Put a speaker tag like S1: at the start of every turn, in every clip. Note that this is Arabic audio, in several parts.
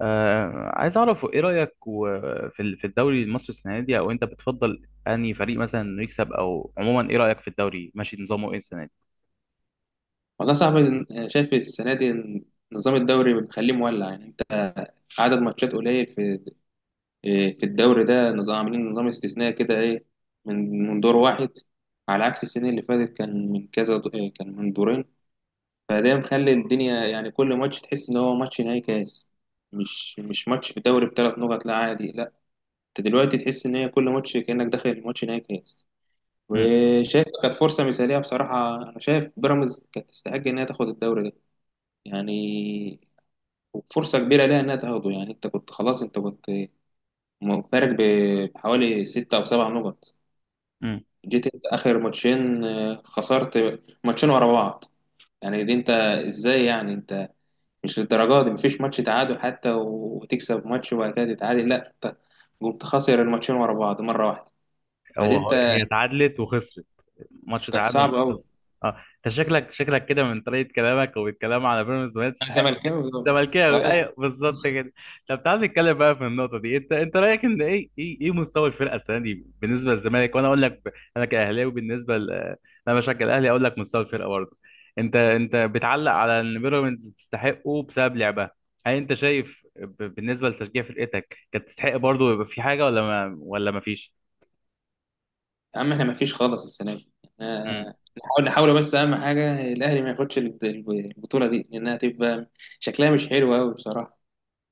S1: عايز اعرف ايه رايك في الدوري المصري السنه دي، او انت بتفضل انهي فريق مثلا انه يكسب، او عموما ايه رايك في الدوري، ماشي نظامه ايه السنه دي؟
S2: والله صعب. شايف السنة دي إن نظام الدوري مخليه مولع، يعني انت عدد ماتشات قليل في الدوري ده، نظام عاملين نظام استثنائي كده، ايه، من دور واحد، على عكس السنين اللي فاتت كان من كذا دو- إيه، كان من دورين. فده مخلي الدنيا، يعني كل ماتش تحس ان هو ماتش نهائي كاس، مش ماتش في الدوري ب3 نقط، لا عادي، لا، انت دلوقتي تحس ان هي كل ماتش كأنك داخل ماتش نهائي كاس. وشايف كانت فرصة مثالية. بصراحة أنا شايف بيراميدز كانت تستحق إنها تاخد الدوري ده، يعني فرصة كبيرة ليها إنها تاخده. يعني أنت كنت خلاص، أنت كنت فارق بحوالي 6 أو 7 نقط،
S1: امم.
S2: جيت أنت آخر ماتشين، خسرت ماتشين ورا بعض. يعني دي أنت، إزاي يعني أنت؟ مش للدرجة دي. مفيش ماتش تعادل حتى وتكسب ماتش وبعد كده تتعادل، لا أنت قمت خاسر الماتشين ورا بعض مرة واحدة. فدي أنت،
S1: هي اتعادلت وخسرت. ماتش
S2: كانت
S1: تعادل وماتش
S2: صعبة
S1: خسر.
S2: أوي.
S1: اه. انت شكلك كده من طريقه كلامك، وبالكلام على بيراميدز، ما
S2: أنا
S1: تستحق.
S2: زملكاوي طبعا. أه.
S1: زملكاوي، ايوه، بالظبط كده. طب تعال نتكلم بقى في النقطه دي. انت رايك ان ايه مستوى الفرقه السنه دي بالنسبه للزمالك؟ وانا اقول لك، انا كاهلاوي. بالنسبه انا بشجع الاهلي، اقول لك مستوى الفرقه برضه. انت بتعلق على ان بيراميدز تستحقه بسبب لعبها. هل انت شايف، بالنسبه لتشجيع فرقتك، كانت تستحق برضه، يبقى في حاجه ولا ما فيش؟
S2: يا عم احنا ما فيش خالص السنه دي. آه، نحاول نحاول، بس اهم حاجه الاهلي ما ياخدش البطوله دي، لانها تبقى شكلها مش حلو قوي بصراحه.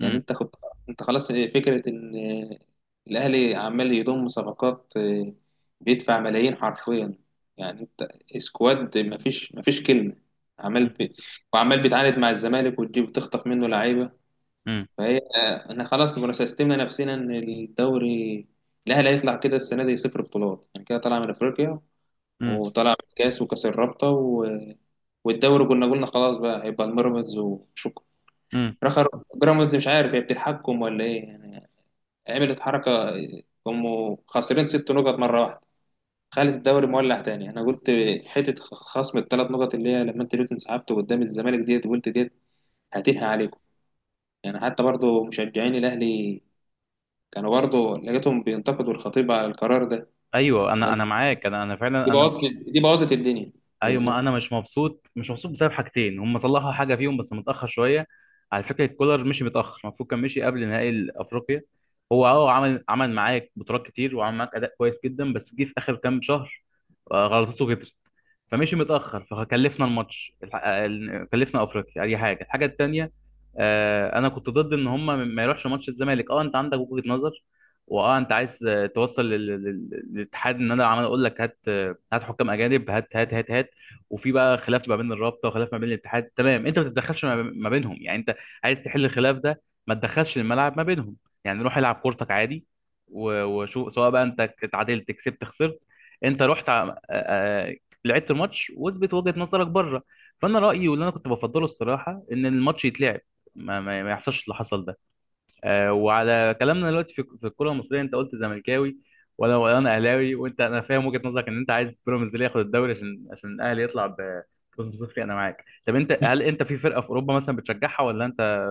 S2: يعني
S1: امم.
S2: انت خد، انت خلاص فكره ان، آه، الاهلي عمال يضم صفقات، بيدفع ملايين حرفيا. يعني انت سكواد، ما فيش كلمه، عمال وعمال بيتعاند مع الزمالك وتجيب تخطف منه لعيبه.
S1: امم.
S2: فهي، احنا خلاص مرسستمنا نفسنا ان الدوري، الاهلي هيطلع كده السنه دي 0 بطولات، يعني كده طالع من افريقيا
S1: امم.
S2: وطلع من الكاس وكاس الرابطة و... والدوري كنا قلنا خلاص بقى هيبقى الميراميدز وشكرا.
S1: امم.
S2: رخر، بيراميدز مش عارف هي بتتحكم ولا ايه يعني، عملت حركة، هم خاسرين 6 نقط مرة واحدة، خلت الدوري مولع تاني. انا قلت حتة خصم ال3 نقط اللي هي لما انت جيت انسحبت قدام الزمالك ديت، وقلت ديت هتنهي عليكم، يعني حتى برضو مشجعين الاهلي كانوا برضو لقيتهم بينتقدوا الخطيب على القرار ده.
S1: ايوه، انا
S2: قال
S1: انا معاك، انا
S2: دي
S1: فعلا، انا
S2: بوظت
S1: مش مبسوط.
S2: دي بوظت الدنيا.
S1: ايوه، ما
S2: بالظبط.
S1: انا مش مبسوط. مش مبسوط بسبب حاجتين، هم صلحوا حاجه فيهم بس متاخر شويه. على فكره، كولر مشي متاخر، المفروض كان مشي قبل نهائي افريقيا. هو، عمل معاك بطولات كتير وعمل معاك اداء كويس جدا، بس جه في اخر كام شهر. غلطته كترت. فمشي متاخر، فكلفنا الماتش، كلفنا افريقيا اي حاجه. الحاجه التانيه: انا كنت ضد ان هم ما يروحش ماتش الزمالك. اه انت عندك وجهه نظر، واه انت عايز، توصل للاتحاد، ان انا عمال اقول لك هات، هات حكام اجانب، هات هات هات هات. وفي بقى خلاف ما بين الرابطه وخلاف ما بين الاتحاد، تمام. انت ما تتدخلش ما بينهم. يعني انت عايز تحل الخلاف ده، ما تدخلش الملعب ما بينهم. يعني روح العب كورتك عادي وشوف، سواء بقى انت اتعادلت، كسبت، خسرت، انت رحت لعبت الماتش واثبت وجهة نظرك بره. فانا رايي، واللي انا كنت بفضله الصراحه، ان الماتش يتلعب، ما يحصلش اللي حصل ده. وعلى كلامنا دلوقتي، في الكره المصريه، انت قلت زملكاوي، وانا اهلاوي. وانت، انا فاهم وجهة نظرك ان انت عايز بيراميدز اللي ياخد الدوري، عشان الاهلي يطلع ب فوز بصفري. انا معاك. طب انت، هل انت في فرقه في اوروبا مثلا بتشجعها، ولا انت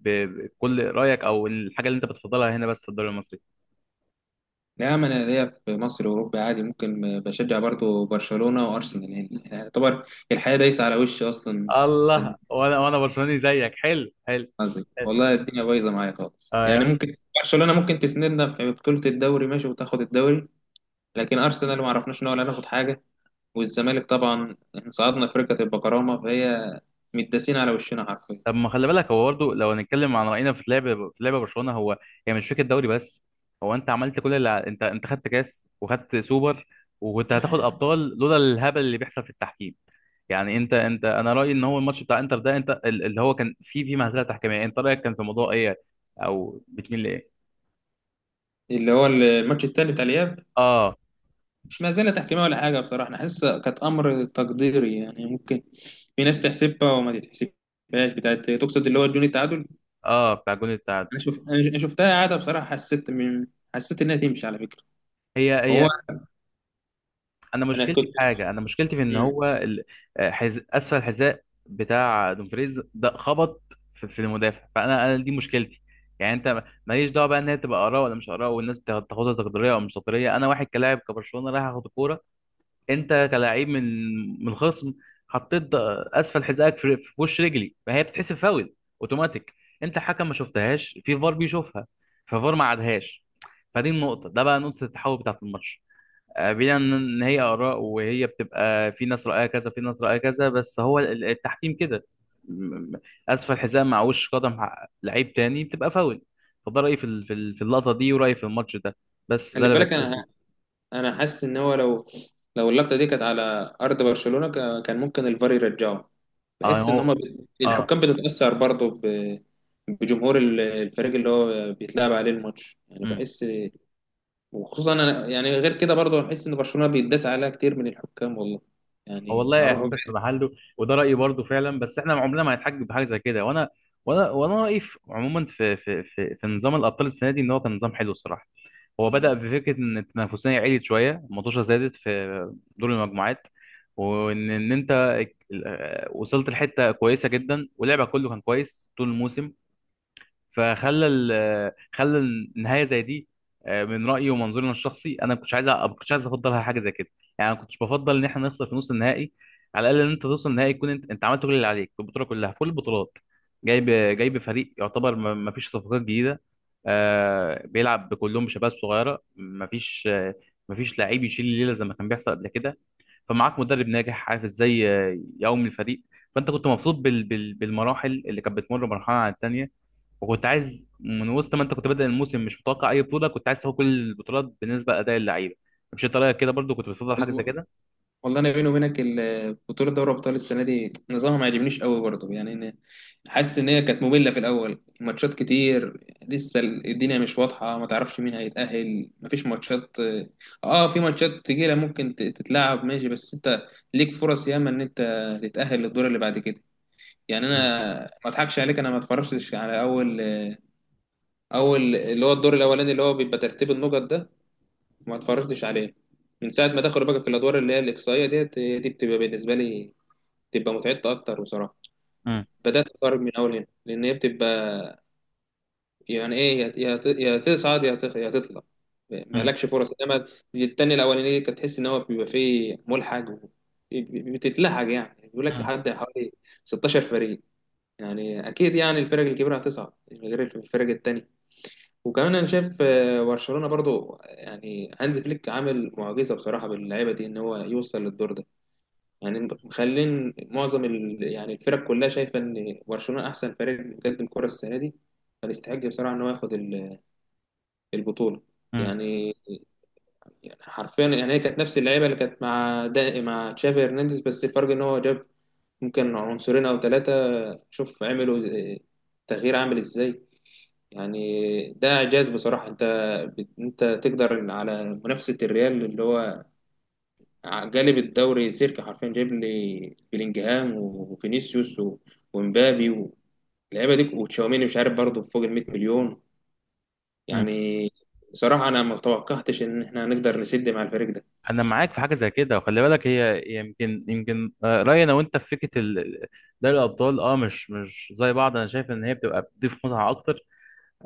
S1: بكل رايك، او الحاجه اللي انت بتفضلها هنا بس في الدوري المصري؟
S2: نعم أنا ليا في مصر وأوروبا عادي، ممكن بشجع برضو برشلونة وأرسنال، يعني يعتبر الحياة دايسة على وشي أصلا السنة
S1: الله،
S2: دي.
S1: وانا برشلوني زيك. حلو حلو.
S2: قصدي، والله الدنيا بايظة معايا خالص، يعني
S1: آه،
S2: ممكن برشلونة ممكن تسندنا في بطولة الدوري ماشي وتاخد الدوري. لكن أرسنال ما عرفناش إن هو لا ناخد حاجة. والزمالك طبعا إحنا صعدنا في ركة البكرامة، فهي متداسين على وشنا حرفيا.
S1: طب ما خلي بالك هو برضه، لو هنتكلم عن رأينا في لعب في لعب برشلونة، هي، يعني مش فكرة دوري بس. هو انت عملت كل اللي انت خدت كاس وخدت سوبر، وكنت هتاخد ابطال لولا الهبل اللي بيحصل في التحكيم. يعني انت انت انا رأيي ان هو الماتش بتاع انتر ده، انت اللي هو كان فيه مهزلة تحكيمية، انت رأيك كان في موضوع ايه؟ او بتميل لايه؟
S2: اللي هو الماتش التاني بتاع الإياب،
S1: اه،
S2: مش مزالة تحكيمية ولا حاجة، بصراحة أنا حاسس كانت أمر تقديري. يعني ممكن في ناس تحسبها وما تتحسبهاش، بتاعت تقصد اللي هو جون التعادل.
S1: اه، بتاع الجون التعادل.
S2: أنا شوف، أنا شفتها قاعدة بصراحة، حسيت إنها تمشي على فكرة،
S1: هي
S2: هو.
S1: هي انا
S2: أنا
S1: مشكلتي في
S2: كنت.
S1: حاجه، انا مشكلتي في ان
S2: مم.
S1: هو، اسفل الحذاء بتاع دومفريز ده خبط في المدافع، فانا دي مشكلتي. يعني انت، ماليش دعوه بقى ان هي تبقى اراء ولا مش اراء، والناس تاخدها تقديريه او مش تقديريه. انا، واحد كلاعب كبرشلونه، رايح اخد الكوره، انت كلاعب من الخصم، حطيت اسفل حذائك في وش رجلي، فهي بتتحسب فاول اوتوماتيك. انت حكم ما شفتهاش، في فار بيشوفها، ففار ما عادهاش. فدي النقطه ده بقى نقطه التحول بتاعه الماتش. بعيدا عن ان هي اراء، وهي بتبقى في ناس رايها كذا، في ناس رايها كذا، بس هو التحكيم كده. م- م- اسفل حزام مع وش قدم، لعيب تاني، بتبقى فاول. فده رايي في اللقطه دي، ورايي في الماتش ده، بس ده
S2: خلي
S1: اللي
S2: بالك
S1: بتكلم
S2: أنا،
S1: فيه.
S2: أنا حاسس إن هو لو، لو اللقطة دي كانت على أرض برشلونة، كان ممكن الفار يرجعه.
S1: اه.
S2: بحس إن
S1: هو.
S2: هما
S1: اه.
S2: الحكام بتتأثر برضه بجمهور الفريق اللي هو بيتلعب عليه الماتش، يعني
S1: امم.
S2: بحس. وخصوصا انا، يعني غير كده برضه هحس ان برشلونه بيتداس عليها كتير من الحكام والله،
S1: هو
S2: يعني
S1: والله
S2: هروحوا
S1: احساسك في
S2: بعيد.
S1: محله، وده رايي برضو فعلا، بس احنا عمرنا ما هنتحجج بحاجه زي كده. وانا رايي عموما في نظام الابطال السنه دي، ان هو كان نظام حلو الصراحه. هو بدأ بفكرة إن التنافسية عالية شوية، المطوشة زادت في دور المجموعات، وإن أنت، وصلت لحتة كويسة جدا، ولعبك كله كان كويس طول الموسم، خلى النهايه زي دي. من رايي ومنظوري الشخصي، انا ما كنتش عايز، ما كنتش عايز افضلها حاجه زي كده. يعني انا ما كنتش بفضل ان احنا نخسر في نص النهائي. على الاقل ان انت توصل النهائي، يكون انت عملت كل اللي عليك في البطوله كلها، في كل البطولات. جايب جايب فريق يعتبر ما فيش صفقات جديده، بيلعب كلهم بشباب صغيره، ما فيش ما فيش لعيب يشيل الليله زي ما كان بيحصل قبل كده. فمعاك مدرب ناجح عارف ازاي يقوم الفريق. فانت كنت مبسوط بالمراحل اللي كانت بتمر مرحله عن الثانيه. وكنت عايز، من وسط ما انت كنت بادئ الموسم مش متوقع اي بطوله، كنت عايز تاخد كل البطولات بالنسبه لاداء اللعيبه. مش انت رايك كده برضو؟ كنت بتفضل حاجه زي
S2: و-
S1: كده؟
S2: والله انا بيني وبينك، بطوله دوري ابطال السنه دي نظامها ما عجبنيش قوي برضه، يعني أنا حاسس ان هي كانت ممله في الاول، ماتشات كتير، لسه الدنيا مش واضحه، ما تعرفش مين هيتاهل، ما فيش ماتشات. اه في ماتشات تقيله ممكن تتلعب ماشي، بس انت ليك فرص ياما ان انت تتاهل للدور اللي بعد كده. يعني انا
S1: مم.
S2: ما اضحكش عليك، انا ما اتفرجتش على اول اللي هو الدور الاولاني اللي هو بيبقى ترتيب النقط ده، ما اتفرجتش عليه. من ساعه ما دخلوا بقى في الادوار اللي هي الاقصائيه ديت، هي دي بتبقى بالنسبه لي بتبقى متعبه اكتر بصراحه.
S1: مم.
S2: بدات اتفرج من اول هنا لان هي بتبقى، يعني ايه، يا يا تصعد، يا تطلع،
S1: مم.
S2: مالكش فرص. انما التاني الاولاني دي كانت تحس ان هو بيبقى فيه ملحق بتتلحق، يعني بيقول لك
S1: مم.
S2: لحد حوالي 16 فريق، يعني اكيد يعني الفرق الكبيره هتصعد غير الفرق التانيه. وكمان انا شايف، برشلونه برضو، يعني هانز فليك عامل معجزه بصراحه باللعيبه دي ان هو يوصل للدور ده. يعني مخلين معظم يعني الفرق كلها شايفه ان برشلونه احسن فريق بيقدم كره السنه دي، فيستحق بصراحه ان هو ياخد البطوله.
S1: مم.
S2: يعني، يعني حرفيا، يعني هي كانت نفس اللعيبه اللي كانت مع مع تشافي هرنانديز، بس الفرق ان هو جاب ممكن عنصرين او ثلاثه، شوف عملوا آه، تغيير عامل ازاي. يعني ده إعجاز بصراحة. أنت أنت تقدر على منافسة الريال اللي هو جالب الدوري سيرك حرفيا، جايب لي بلينجهام وفينيسيوس ومبابي واللعيبة دي وتشاوميني، مش عارف برضه فوق ال 100 مليون.
S1: مم.
S2: يعني بصراحة أنا ما توقعتش إن إحنا هنقدر نسد مع الفريق ده.
S1: انا معاك في حاجه زي كده، وخلي بالك، هي يمكن، رايي انا وانت في فكره دوري الابطال، اه، مش زي بعض. انا شايف ان هي بتبقى بتضيف متعه اكتر،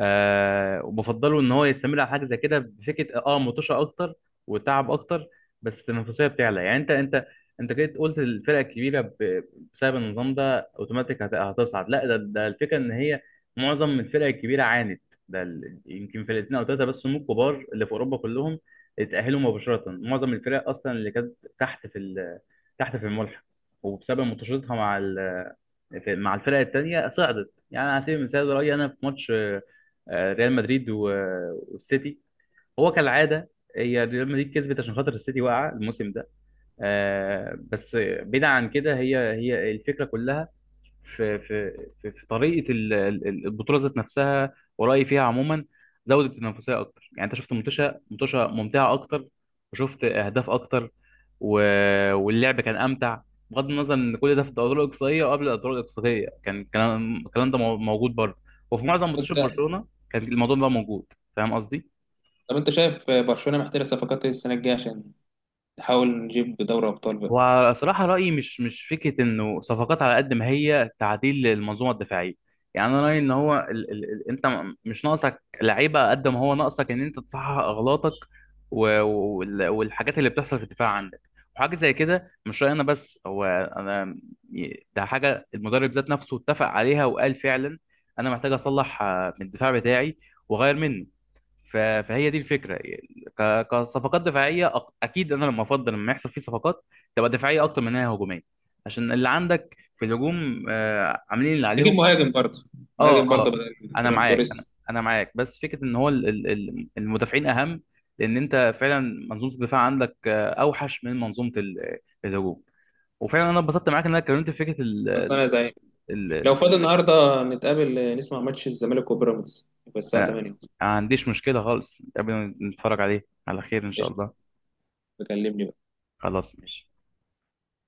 S1: وبفضله ان هو يستمر على حاجه زي كده، بفكره مطوشه اكتر وتعب اكتر، بس التنافسيه بتعلى. يعني انت كده قلت الفرق الكبيره بسبب النظام ده اوتوماتيك هتصعد. لا، ده الفكره ان هي معظم الفرق الكبيره عانت. ده يمكن فرقتين او ثلاثه بس هم الكبار اللي في اوروبا كلهم اتاهلوا مباشره. معظم الفرق اصلا اللي كانت تحت في ال- تحت في الملحق، وبسبب مطوشتها مع الفرق التانيه، صعدت. يعني على سبيل المثال، رايي انا في ماتش ريال مدريد والسيتي، هو كالعاده، هي ريال مدريد كسبت عشان خاطر السيتي واقعه الموسم ده. بس بعيدا عن كده، هي الفكره كلها في في في طريقه البطوله ذات نفسها. ورايي فيها عموما، زودت التنافسيه اكتر. يعني انت شفت، منتشى منتشى، ممتعه اكتر، وشفت اهداف اكتر، و... واللعب كان امتع. بغض النظر ان كل ده في الادوار الاقصائيه، وقبل الادوار الاقصائيه كان الكلام ده موجود برضه، وفي معظم ماتشات
S2: أنت،
S1: برشلونه كان الموضوع ده موجود. فاهم قصدي؟
S2: طب أنت شايف برشلونة محتاجة صفقات إيه السنة الجاية عشان نحاول نجيب دوري أبطال بقى؟
S1: وصراحة رأيي، مش فكرة إنه صفقات على قد ما هي تعديل للمنظومة الدفاعية. يعني أنا رأيي إن هو، ال ال ال أنت، مش ناقصك لعيبة قد ما هو ناقصك إن أنت تصحح أغلاطك، والحاجات اللي بتحصل في الدفاع عندك، وحاجة زي كده. مش رأيي أنا بس، هو أنا، ده حاجة المدرب ذات نفسه اتفق عليها وقال فعلا: أنا محتاج أصلح من الدفاع بتاعي، وأغير منه. ف- فهي دي الفكره. كصفقات دفاعيه، اكيد انا لما افضل، لما يحصل فيه صفقات، تبقى دفاعيه اكتر من انها هجوميه، عشان اللي عندك في الهجوم عاملين اللي
S2: نجيب
S1: عليهم.
S2: مهاجم برضه،
S1: اه،
S2: مهاجم
S1: اه.
S2: برضه بدل
S1: انا
S2: فران
S1: معاك،
S2: توريس.
S1: انا معاك، بس فكره ان هو المدافعين اهم. لان انت فعلا منظومه الدفاع عندك اوحش من منظومه الهجوم. وفعلا انا اتبسطت معاك ان انا اتكلمت في فكره
S2: بس
S1: ال
S2: أنا زي،
S1: ال
S2: لو
S1: ال
S2: فاضي النهارده نتقابل نسمع ماتش الزمالك وبيراميدز، يبقى الساعة
S1: انا.
S2: 8.
S1: ما عنديش مشكله خالص، قبل ما نتفرج عليه، على خير ان شاء
S2: قشطة.
S1: الله.
S2: بكلمني بقى.
S1: خلاص، ماشي.